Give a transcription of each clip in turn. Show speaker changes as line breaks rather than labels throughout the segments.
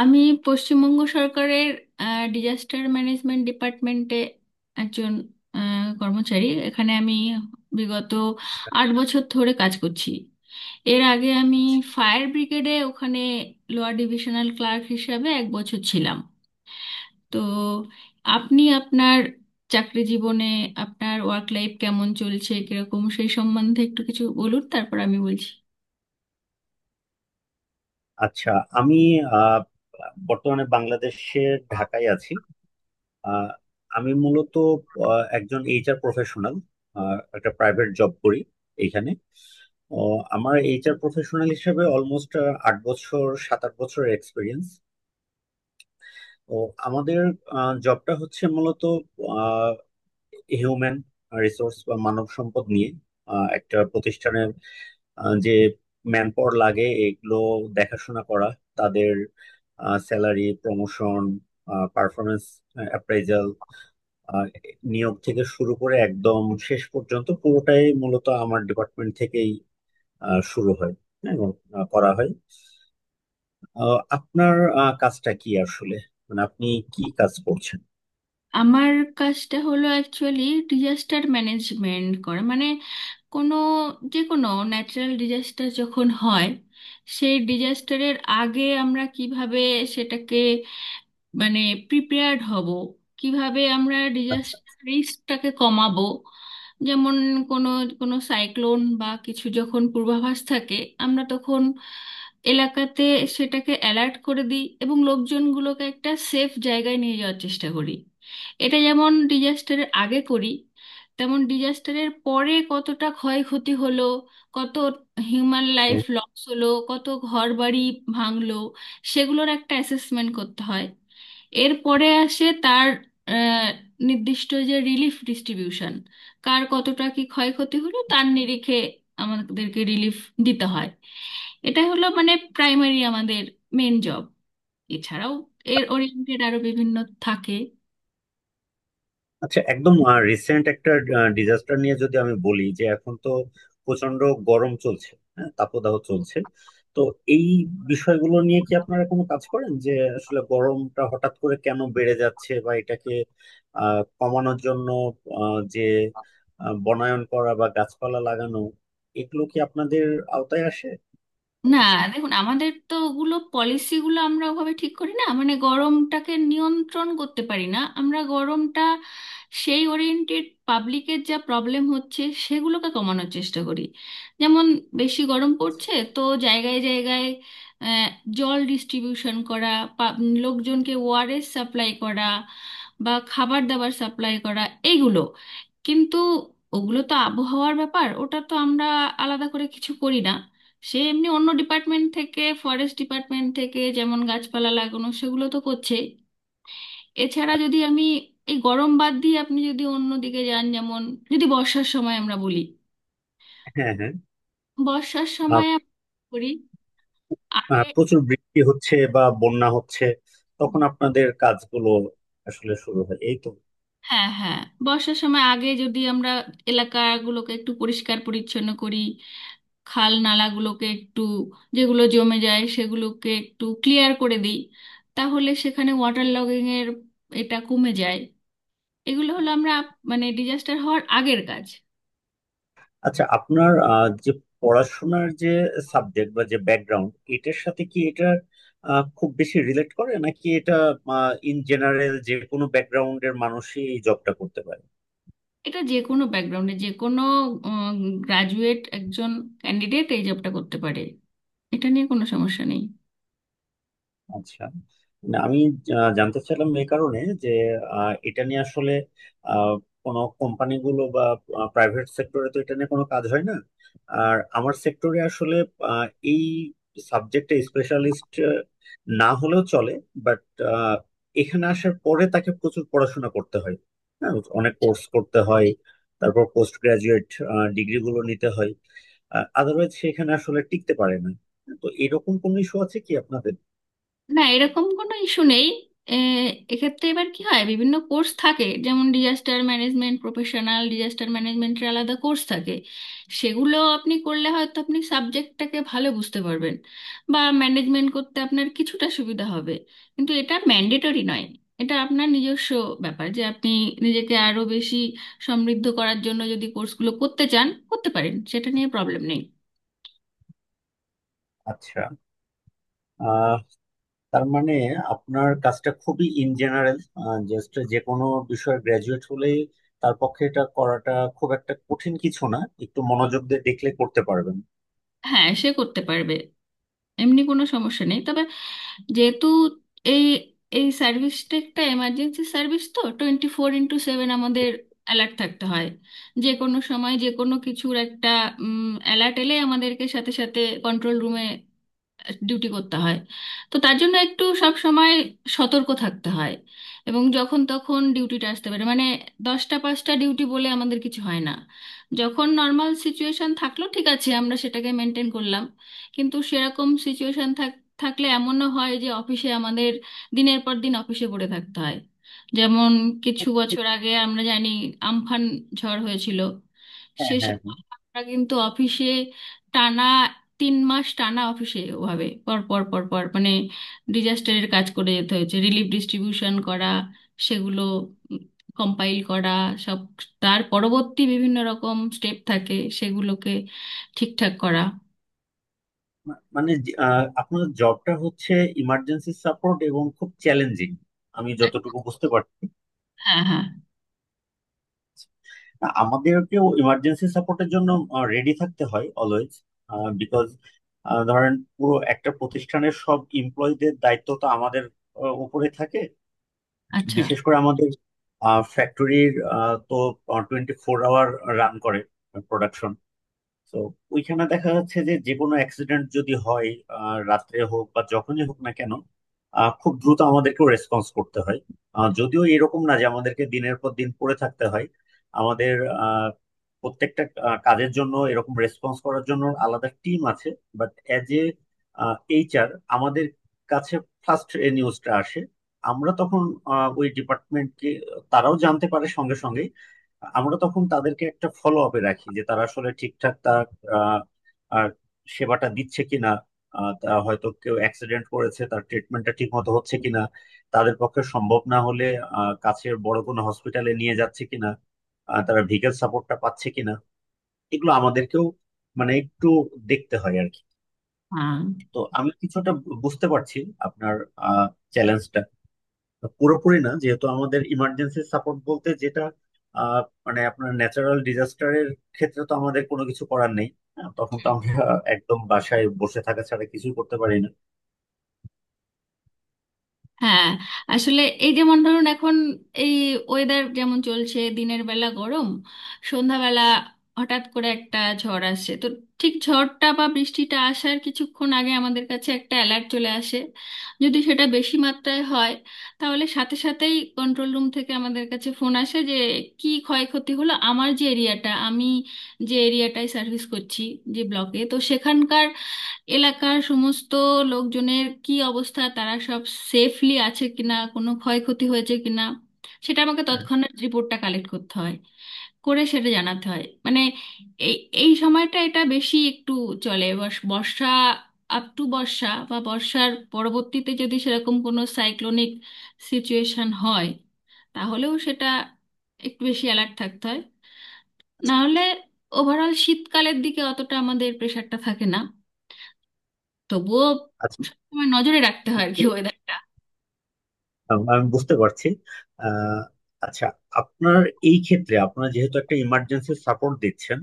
আমি পশ্চিমবঙ্গ সরকারের disaster management ডিপার্টমেন্টে একজন কর্মচারী। এখানে আমি বিগত 8 বছর ধরে কাজ করছি। এর আগে আমি ফায়ার ব্রিগেডে ওখানে লোয়ার ডিভিশনাল ক্লার্ক হিসাবে এক বছর ছিলাম। তো আপনি আপনার চাকরি জীবনে আপনার ওয়ার্ক লাইফ কেমন চলছে কিরকম সেই সম্বন্ধে একটু কিছু বলুন, তারপর আমি বলছি।
আচ্ছা। আমি আহ, বর্তমানে বাংলাদেশের ঢাকায় আছি। আহ, আমি মূলত একজন এইচআর প্রফেশনাল। একটা প্রাইভেট জব করি এখানে। আমার এইচআর প্রফেশনাল হিসেবে অলমোস্ট 8 বছর, 7-8 বছরের এক্সপিরিয়েন্স। তো আমাদের জবটা হচ্ছে মূলত হিউম্যান রিসোর্স বা মানব সম্পদ নিয়ে। একটা প্রতিষ্ঠানে যে ম্যান পাওয়ার লাগে, এগুলো দেখাশোনা করা, তাদের স্যালারি, প্রমোশন, পারফরমেন্স অ্যাপ্রাইজাল, নিয়োগ থেকে শুরু করে একদম শেষ পর্যন্ত পুরোটাই মূলত আমার ডিপার্টমেন্ট থেকেই শুরু হয়। হ্যাঁ, এবং করা হয়। আপনার কাজটা কি আসলে, মানে আপনি কি কাজ করছেন?
আমার কাজটা হলো অ্যাকচুয়ালি ডিজাস্টার ম্যানেজমেন্ট করা, মানে কোনো যে কোনো ন্যাচারাল ডিজাস্টার যখন হয়, সেই ডিজাস্টারের আগে আমরা কিভাবে সেটাকে মানে প্রিপেয়ার্ড হব, কিভাবে আমরা
আচ্ছা।
ডিজাস্টার রিস্কটাকে কমাবো। যেমন কোনো কোনো সাইক্লোন বা কিছু যখন পূর্বাভাস থাকে, আমরা তখন এলাকাতে সেটাকে অ্যালার্ট করে দিই এবং লোকজনগুলোকে একটা সেফ জায়গায় নিয়ে যাওয়ার চেষ্টা করি। এটা যেমন ডিজাস্টারের আগে করি, তেমন ডিজাস্টারের পরে কতটা ক্ষয়ক্ষতি হলো, কত হিউম্যান লাইফ লস হলো, কত ঘরবাড়ি ভাঙলো সেগুলোর একটা অ্যাসেসমেন্ট করতে হয়। এরপরে আসে তার আহ, নির্দিষ্ট যে রিলিফ ডিস্ট্রিবিউশন, কার কতটা কি ক্ষয়ক্ষতি হলো তার নিরিখে আমাদেরকে রিলিফ দিতে হয়। এটা হলো মানে প্রাইমারি আমাদের মেন জব। এছাড়াও এর ওরিয়েন্টেড আরো বিভিন্ন থাকে।
আচ্ছা, একদম রিসেন্ট একটা ডিজাস্টার নিয়ে যদি আমি বলি, যে এখন তো প্রচন্ড গরম চলছে। হ্যাঁ, তাপদাহ চলছে। তো এই বিষয়গুলো নিয়ে কি আপনারা কোনো কাজ করেন, যে আসলে গরমটা হঠাৎ করে কেন বেড়ে যাচ্ছে বা এটাকে কমানোর জন্য যে বনায়ন করা বা গাছপালা লাগানো, এগুলো কি আপনাদের আওতায় আসে?
না, দেখুন আমাদের তো ওগুলো পলিসিগুলো আমরা ওভাবে ঠিক করি না, মানে গরমটাকে নিয়ন্ত্রণ করতে পারি না আমরা। গরমটা সেই ওরিয়েন্টেড পাবলিকের যা প্রবলেম হচ্ছে সেগুলোকে কমানোর চেষ্টা করি। যেমন বেশি গরম পড়ছে তো জায়গায় জায়গায় আহ, জল ডিস্ট্রিবিউশন করা, পা- লোকজনকে ওআরএস সাপ্লাই করা বা খাবার দাবার সাপ্লাই করা, এইগুলো। কিন্তু ওগুলো তো আবহাওয়ার ব্যাপার, ওটা তো আমরা আলাদা করে কিছু করি না। সে এমনি অন্য ডিপার্টমেন্ট থেকে, ফরেস্ট ডিপার্টমেন্ট থেকে যেমন গাছপালা লাগানো সেগুলো তো করছে। এছাড়া যদি আমি এই গরম বাদ দিয়ে আপনি যদি অন্য দিকে যান, যেমন যদি বর্ষার সময় আমরা বলি,
হ্যাঁ, হ্যাঁ।
বর্ষার
আহ,
সময় আমরা কি করি আগে।
প্রচুর বৃষ্টি হচ্ছে বা বন্যা হচ্ছে,
হুম।
তখন আপনাদের কাজগুলো আসলে শুরু হয় এই তো।
হ্যাঁ, হ্যাঁ। বর্ষার সময় আগে যদি আমরা এলাকাগুলোকে একটু পরিষ্কার পরিচ্ছন্ন করি, খাল নালাগুলোকে একটু, যেগুলো জমে যায় সেগুলোকে একটু ক্লিয়ার করে দিই, তাহলে সেখানে ওয়াটার লগিং এর এটা কমে যায়। এগুলো হলো আমরা মানে ডিজাস্টার হওয়ার আগের কাজ।
আচ্ছা, আপনার যে পড়াশোনার যে সাবজেক্ট বা যে ব্যাকগ্রাউন্ড, এটার সাথে কি এটা খুব বেশি রিলেট করে, নাকি এটা ইন জেনারেল যে কোনো ব্যাকগ্রাউন্ডের মানুষই এই জবটা করতে পারে?
এটা যে কোনো ব্যাকগ্রাউন্ডে যে কোনো গ্রাজুয়েট একজন ক্যান্ডিডেট এই জবটা করতে পারে। এটা নিয়ে কোনো সমস্যা নেই।
আচ্ছা। না, আমি জানতে চাইলাম এই কারণে যে এটা নিয়ে আসলে আহ, কোনো কোম্পানিগুলো বা প্রাইভেট সেক্টরে তো এটা নিয়ে কোনো কাজ হয় না। আর আমার সেক্টরে আসলে আহ, এই সাবজেক্টে স্পেশালিস্ট না হলেও চলে, বাট এখানে আসার পরে তাকে প্রচুর পড়াশোনা করতে হয়। হ্যাঁ, অনেক কোর্স করতে হয়, তারপর পোস্ট গ্রাজুয়েট ডিগ্রিগুলো নিতে হয়, আদারওয়াইজ সেখানে আসলে টিকতে পারে না। তো এরকম কোন ইস্যু আছে কি আপনাদের?
না, এরকম কোনো ইস্যু নেই। এ, এক্ষেত্রে এবার কি হয়, বিভিন্ন কোর্স থাকে যেমন ডিজাস্টার ম্যানেজমেন্ট প্রফেশনাল, ডিজাস্টার ম্যানেজমেন্টের আলাদা কোর্স থাকে। সেগুলো আপনি করলে হয়তো আপনি সাবজেক্টটাকে ভালো বুঝতে পারবেন বা ম্যানেজমেন্ট করতে আপনার কিছুটা সুবিধা হবে, কিন্তু এটা ম্যান্ডেটরি নয়। এটা আপনার নিজস্ব ব্যাপার, যে আপনি নিজেকে আরো বেশি সমৃদ্ধ করার জন্য যদি কোর্সগুলো করতে চান করতে পারেন, সেটা নিয়ে প্রবলেম নেই।
আচ্ছা। আহ তার মানে আপনার কাজটা খুবই ইন জেনারেল। জাস্ট যে কোনো বিষয়ে গ্রাজুয়েট হলেই তার পক্ষে এটা করাটা খুব একটা কঠিন কিছু না, একটু মনোযোগ দিয়ে দেখলে করতে পারবেন।
হ্যাঁ, সে করতে পারবে, এমনি কোনো সমস্যা নেই। তবে যেহেতু এই এই সার্ভিসটা একটা এমার্জেন্সি সার্ভিস, তো 24x7 আমাদের অ্যালার্ট থাকতে হয়। যে কোনো সময় যে কোনো কিছুর একটা অ্যালার্ট এলে আমাদেরকে সাথে সাথে কন্ট্রোল রুমে ডিউটি করতে হয়। তো তার জন্য একটু সব সময় সতর্ক থাকতে হয়, এবং যখন তখন ডিউটিটা আসতে পারে। মানে দশটা পাঁচটা ডিউটি বলে আমাদের কিছু হয় না। যখন নর্মাল সিচুয়েশন থাকলো ঠিক আছে, আমরা সেটাকে মেনটেন করলাম, কিন্তু সেরকম সিচুয়েশন থাকলে এমনও হয় যে অফিসে আমাদের দিনের পর দিন অফিসে পড়ে থাকতে হয়। যেমন কিছু বছর আগে আমরা জানি আমফান ঝড় হয়েছিল।
হ্যাঁ, হ্যাঁ,
সেসব
হ্যাঁ।
আমরা কিন্তু অফিসে টানা 3 মাস টানা অফিসে ওভাবে পর পর পর পর মানে ডিজাস্টারের কাজ করে যেতে হয়েছে। রিলিফ ডিস্ট্রিবিউশন করা, সেগুলো কম্পাইল করা সব, তার পরবর্তী বিভিন্ন রকম স্টেপ থাকে, সেগুলোকে ঠিকঠাক করা।
মানে আপনার জবটা হচ্ছে ইমার্জেন্সি সাপোর্ট এবং খুব চ্যালেঞ্জিং, আমি যতটুকু বুঝতে পারছি।
হ্যাঁ, হ্যাঁ।
না, আমাদেরকেও ইমার্জেন্সি সাপোর্টের জন্য রেডি থাকতে হয় অলওয়েজ। বিকজ ধরেন পুরো একটা প্রতিষ্ঠানের সব এমপ্লয়ীদের দায়িত্ব তো আমাদের উপরে থাকে।
আচ্ছা।
বিশেষ করে আমাদের ফ্যাক্টরির, তো 24 আওয়ার রান করে প্রোডাকশন, তো ওইখানে দেখা যাচ্ছে যে যে কোনো অ্যাক্সিডেন্ট যদি হয়, রাত্রে হোক বা যখনই হোক না কেন, খুব দ্রুত আমাদেরকে রেসপন্স করতে হয়। যদিও এরকম না যে আমাদেরকে দিনের পর দিন পড়ে থাকতে হয়। আমাদের আহ, প্রত্যেকটা কাজের জন্য এরকম রেসপন্স করার জন্য আলাদা টিম আছে। বাট অ্যাজ এ এইচআর আমাদের কাছে ফার্স্ট এ নিউজটা আসে। আমরা তখন ওই ডিপার্টমেন্টকে, তারাও জানতে পারে সঙ্গে সঙ্গে। আমরা তখন তাদেরকে একটা ফলো আপে রাখি যে তারা আসলে ঠিকঠাক তার আহ, আর সেবাটা দিচ্ছে কিনা, তা হয়তো কেউ অ্যাক্সিডেন্ট করেছে তার ট্রিটমেন্টটা ঠিক মতো হচ্ছে কিনা, তাদের পক্ষে সম্ভব না হলে কাছের বড় কোনো হসপিটালে নিয়ে যাচ্ছে কিনা, তারা ভিগাল সাপোর্টটা পাচ্ছে কিনা, এগুলো আমাদেরকেও মানে একটু দেখতে হয় আর কি।
হ্যাঁ,
তো আমি কিছুটা বুঝতে পারছি আপনার চ্যালেঞ্জটা, পুরোপুরি না যেহেতু আমাদের ইমার্জেন্সি সাপোর্ট বলতে যেটা আহ, মানে, আপনার ন্যাচারাল ডিজাস্টারের ক্ষেত্রে তো আমাদের কোনো কিছু করার নেই। হ্যাঁ, তখন তো আমরা একদম বাসায় বসে থাকা ছাড়া কিছুই করতে পারি না।
হ্যাঁ। আসলে এই যেমন ধরুন এখন এই ওয়েদার যেমন চলছে, দিনের বেলা গরম, সন্ধ্যাবেলা হঠাৎ করে একটা ঝড় আসছে। তো ঠিক ঝড়টা বা বৃষ্টিটা আসার কিছুক্ষণ আগে আমাদের কাছে একটা অ্যালার্ট চলে আসে। যদি সেটা বেশি মাত্রায় হয়, তাহলে সাথে সাথেই কন্ট্রোল রুম থেকে আমাদের কাছে ফোন আসে যে কি ক্ষয়ক্ষতি হলো আমার যে এরিয়াটা আমি, যে এরিয়াটায় সার্ভিস করছি যে ব্লকে, তো সেখানকার এলাকার সমস্ত লোকজনের কি অবস্থা, তারা সব সেফলি আছে কিনা, কোনো ক্ষয়ক্ষতি হয়েছে কিনা, সেটা আমাকে
হ্যাঁ।
তৎক্ষণাৎ রিপোর্টটা কালেক্ট করতে হয় করে সেটা জানাতে হয়। মানে এই এই সময়টা এটা বেশি একটু চলে বর্ষা। আপ টু বর্ষা বা বর্ষার পরবর্তীতে যদি সেরকম কোনো সাইক্লোনিক সিচুয়েশন হয়, তাহলেও সেটা একটু বেশি অ্যালার্ট থাকতে হয়। নাহলে ওভারঅল শীতকালের দিকে অতটা আমাদের প্রেশারটা থাকে না, তবুও
আচ্ছা।
সবসময় নজরে রাখতে হয় আর কি ওয়েদারটা।
আমি বুঝতে পারছি। আহ, আচ্ছা, আপনার এই ক্ষেত্রে, আপনারা যেহেতু একটা ইমার্জেন্সি সাপোর্ট দিচ্ছেন,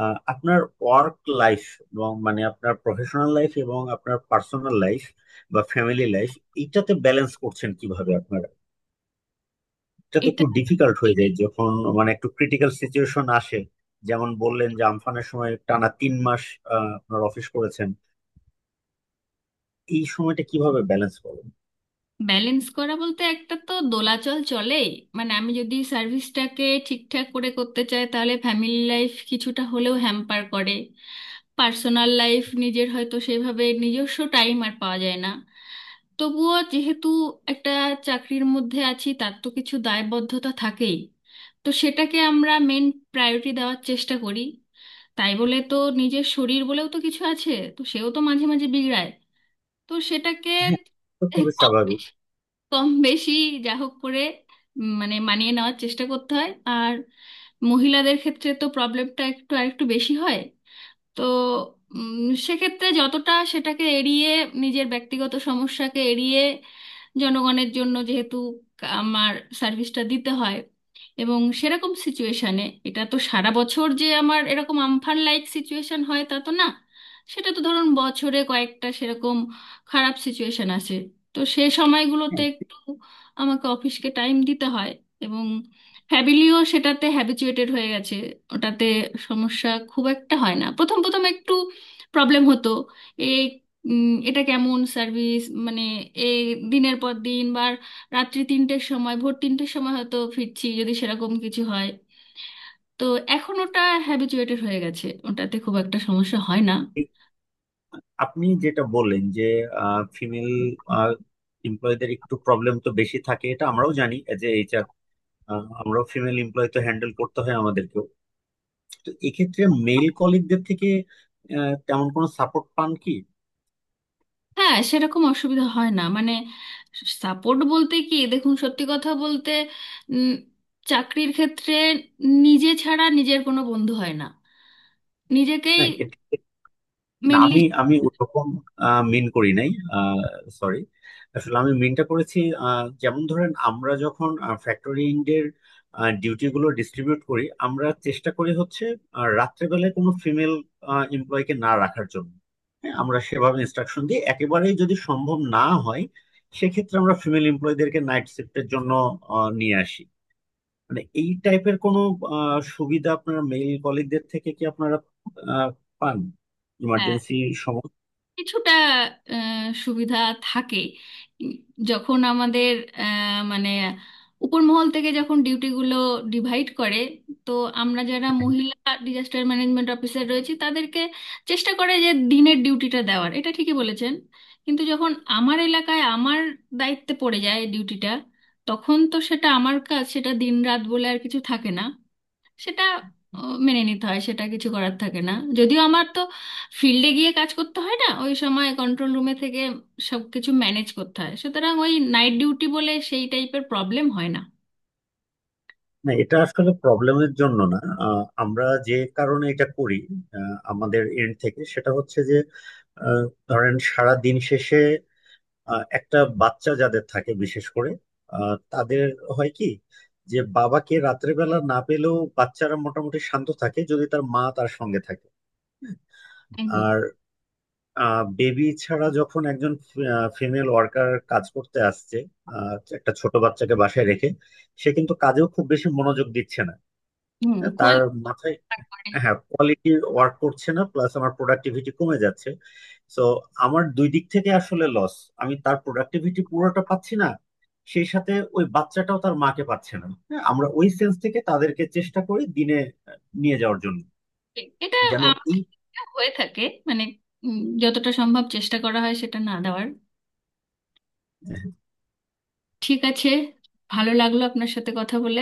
আপনার ওয়ার্ক লাইফ এবং মানে আপনার প্রফেশনাল লাইফ এবং আপনার পার্সোনাল লাইফ বা ফ্যামিলি লাইফ, এইটাতে ব্যালেন্স করছেন কিভাবে আপনারা? এটা তো
এটা
একটু ডিফিকাল্ট হয়ে যায় যখন মানে একটু ক্রিটিক্যাল সিচুয়েশন আসে। যেমন বললেন যে আমফানের সময় টানা 3 মাস আপনার অফিস করেছেন। এই সময়টা কিভাবে ব্যালেন্স করেন?
ব্যালেন্স করা বলতে একটা তো দোলাচল চলেই। মানে আমি যদি সার্ভিসটাকে ঠিকঠাক করে করতে চাই তাহলে ফ্যামিলি লাইফ কিছুটা হলেও হ্যাম্পার করে। পার্সোনাল লাইফ নিজের হয়তো সেভাবে নিজস্ব টাইম আর পাওয়া যায় না। তবুও যেহেতু একটা চাকরির মধ্যে আছি, তার তো কিছু দায়বদ্ধতা থাকেই, তো সেটাকে আমরা মেন প্রায়োরিটি দেওয়ার চেষ্টা করি। তাই বলে তো নিজের শরীর বলেও তো কিছু আছে, তো সেও তো মাঝে মাঝে বিগড়ায়, তো সেটাকে
হ্যাঁ। তো খুবই
কম
স্বাভাবিক।
বেশি কম বেশি যা হোক করে মানে মানিয়ে নেওয়ার চেষ্টা করতে হয়। আর মহিলাদের ক্ষেত্রে তো প্রবলেমটা একটু আরেকটু বেশি হয়। তো উম, সেক্ষেত্রে যতটা সেটাকে এড়িয়ে, নিজের ব্যক্তিগত সমস্যাকে এড়িয়ে জনগণের জন্য যেহেতু আমার সার্ভিসটা দিতে হয়। এবং সেরকম সিচুয়েশনে এটা তো সারা বছর যে আমার এরকম আমফান লাইক সিচুয়েশন হয় তা তো না, সেটা তো ধরুন বছরে কয়েকটা সেরকম খারাপ সিচুয়েশন আসে, তো সেই সময়গুলোতে
হ্যাঁ,
একটু আমাকে অফিসকে টাইম দিতে হয়। এবং হ্যাবিলিও সেটাতে হ্যাবিচুয়েটেড হয়ে গেছে ওটাতে, সমস্যা খুব একটা হয় না। প্রথম প্রথম একটু প্রবলেম হতো এই এটা কেমন সার্ভিস মানে এই দিনের পর দিন বা রাত্রি তিনটের সময় ভোর তিনটের সময় হয়তো ফিরছি যদি সেরকম কিছু হয়। তো এখন ওটা হ্যাবিচুয়েটেড হয়ে গেছে, ওটাতে খুব একটা সমস্যা হয় না।
এই আপনি যেটা বললেন যে ফিমেল এমপ্লয়ীদের একটু প্রবলেম তো বেশি থাকে, এটা আমরাও জানি এজ এ এইচআর। আমরাও ফিমেল এমপ্লয়ী তো হ্যান্ডেল করতে হয় আমাদেরকেও। তো এক্ষেত্রে মেল কলিগদের থেকে তেমন কোনো সাপোর্ট পান কি?
হ্যাঁ, সেরকম অসুবিধা হয় না। মানে সাপোর্ট বলতে কি, দেখুন সত্যি কথা বলতে উম, চাকরির ক্ষেত্রে নিজে ছাড়া নিজের কোনো বন্ধু হয় না, নিজেকেই
না, না,
মেনলি
আমি আমি ওরকম মিন করি নাই। সরি, আসলে আমি মিনটা করেছি, যেমন ধরেন আমরা যখন ফ্যাক্টরিং এর ডিউটি গুলো ডিস্ট্রিবিউট করি, আমরা চেষ্টা করি হচ্ছে রাত্রেবেলায় কোনো ফিমেল এমপ্লয়কে না রাখার জন্য। হ্যাঁ, আমরা সেভাবে ইনস্ট্রাকশন দিই। একেবারেই যদি সম্ভব না হয়, সেক্ষেত্রে আমরা ফিমেল এমপ্লয়ীদেরকে নাইট শিফটের জন্য নিয়ে আসি। মানে এই টাইপের কোনো সুবিধা আপনার মেল কলিগদের থেকে কি আপনারা আহ, পান ইমার্জেন্সি সময়?
কিছুটা সুবিধা থাকে। উম, যখন আমাদের মানে উপর মহল থেকে যখন ডিউটিগুলো ডিভাইড করে, তো আমরা যারা মহিলা ডিজাস্টার ম্যানেজমেন্ট অফিসার রয়েছি তাদেরকে চেষ্টা করে যে দিনের ডিউটিটা দেওয়ার, এটা ঠিকই বলেছেন। কিন্তু যখন আমার এলাকায় আমার দায়িত্বে পড়ে যায় ডিউটিটা, তখন তো সেটা আমার কাজ, সেটা দিন রাত বলে আর কিছু থাকে না। সেটা মেনে নিতে হয়, সেটা কিছু করার থাকে না। যদিও আমার তো ফিল্ডে গিয়ে কাজ করতে হয় না ওই সময়, কন্ট্রোল রুমে থেকে সব কিছু ম্যানেজ করতে হয়, সুতরাং ওই নাইট ডিউটি বলে সেই টাইপের প্রবলেম হয় না।
না, এটা আসলে প্রবলেমের জন্য না। আমরা যে কারণে এটা করি আমাদের এন্ড থেকে, সেটা হচ্ছে যে আহ, ধরেন সারা দিন শেষে একটা বাচ্চা যাদের থাকে, বিশেষ করে তাদের হয় কি, যে বাবাকে রাত্রেবেলা না পেলেও বাচ্চারা মোটামুটি শান্ত থাকে যদি তার মা তার সঙ্গে থাকে।
একদম।
আর বেবি ছাড়া যখন একজন ফিমেল ওয়ার্কার কাজ করতে আসছে আহ, একটা ছোট বাচ্চাকে বাসায় রেখে, সে কিন্তু কাজেও খুব বেশি মনোযোগ দিচ্ছে না।
হুম,
হ্যাঁ, তার
কোয়ালিফাইড।
মাথায়, হ্যাঁ, কোয়ালিটির ওয়ার্ক করছে না, প্লাস আমার প্রোডাক্টিভিটি কমে যাচ্ছে। সো আমার দুই দিক থেকে আসলে লস। আমি তার প্রোডাক্টিভিটি পুরোটা পাচ্ছি না, সেই সাথে ওই বাচ্চাটাও তার মাকে পাচ্ছে না। হ্যাঁ, আমরা ওই সেন্স থেকে তাদেরকে চেষ্টা করি দিনে নিয়ে যাওয়ার জন্য,
এটা
যেন এই
আমাদের ক্ষেত্রে হয়ে থাকে। মানে যতটা সম্ভব চেষ্টা করা হয় সেটা না দেওয়ার। ঠিক আছে, ভালো লাগলো আপনার সাথে কথা বলে।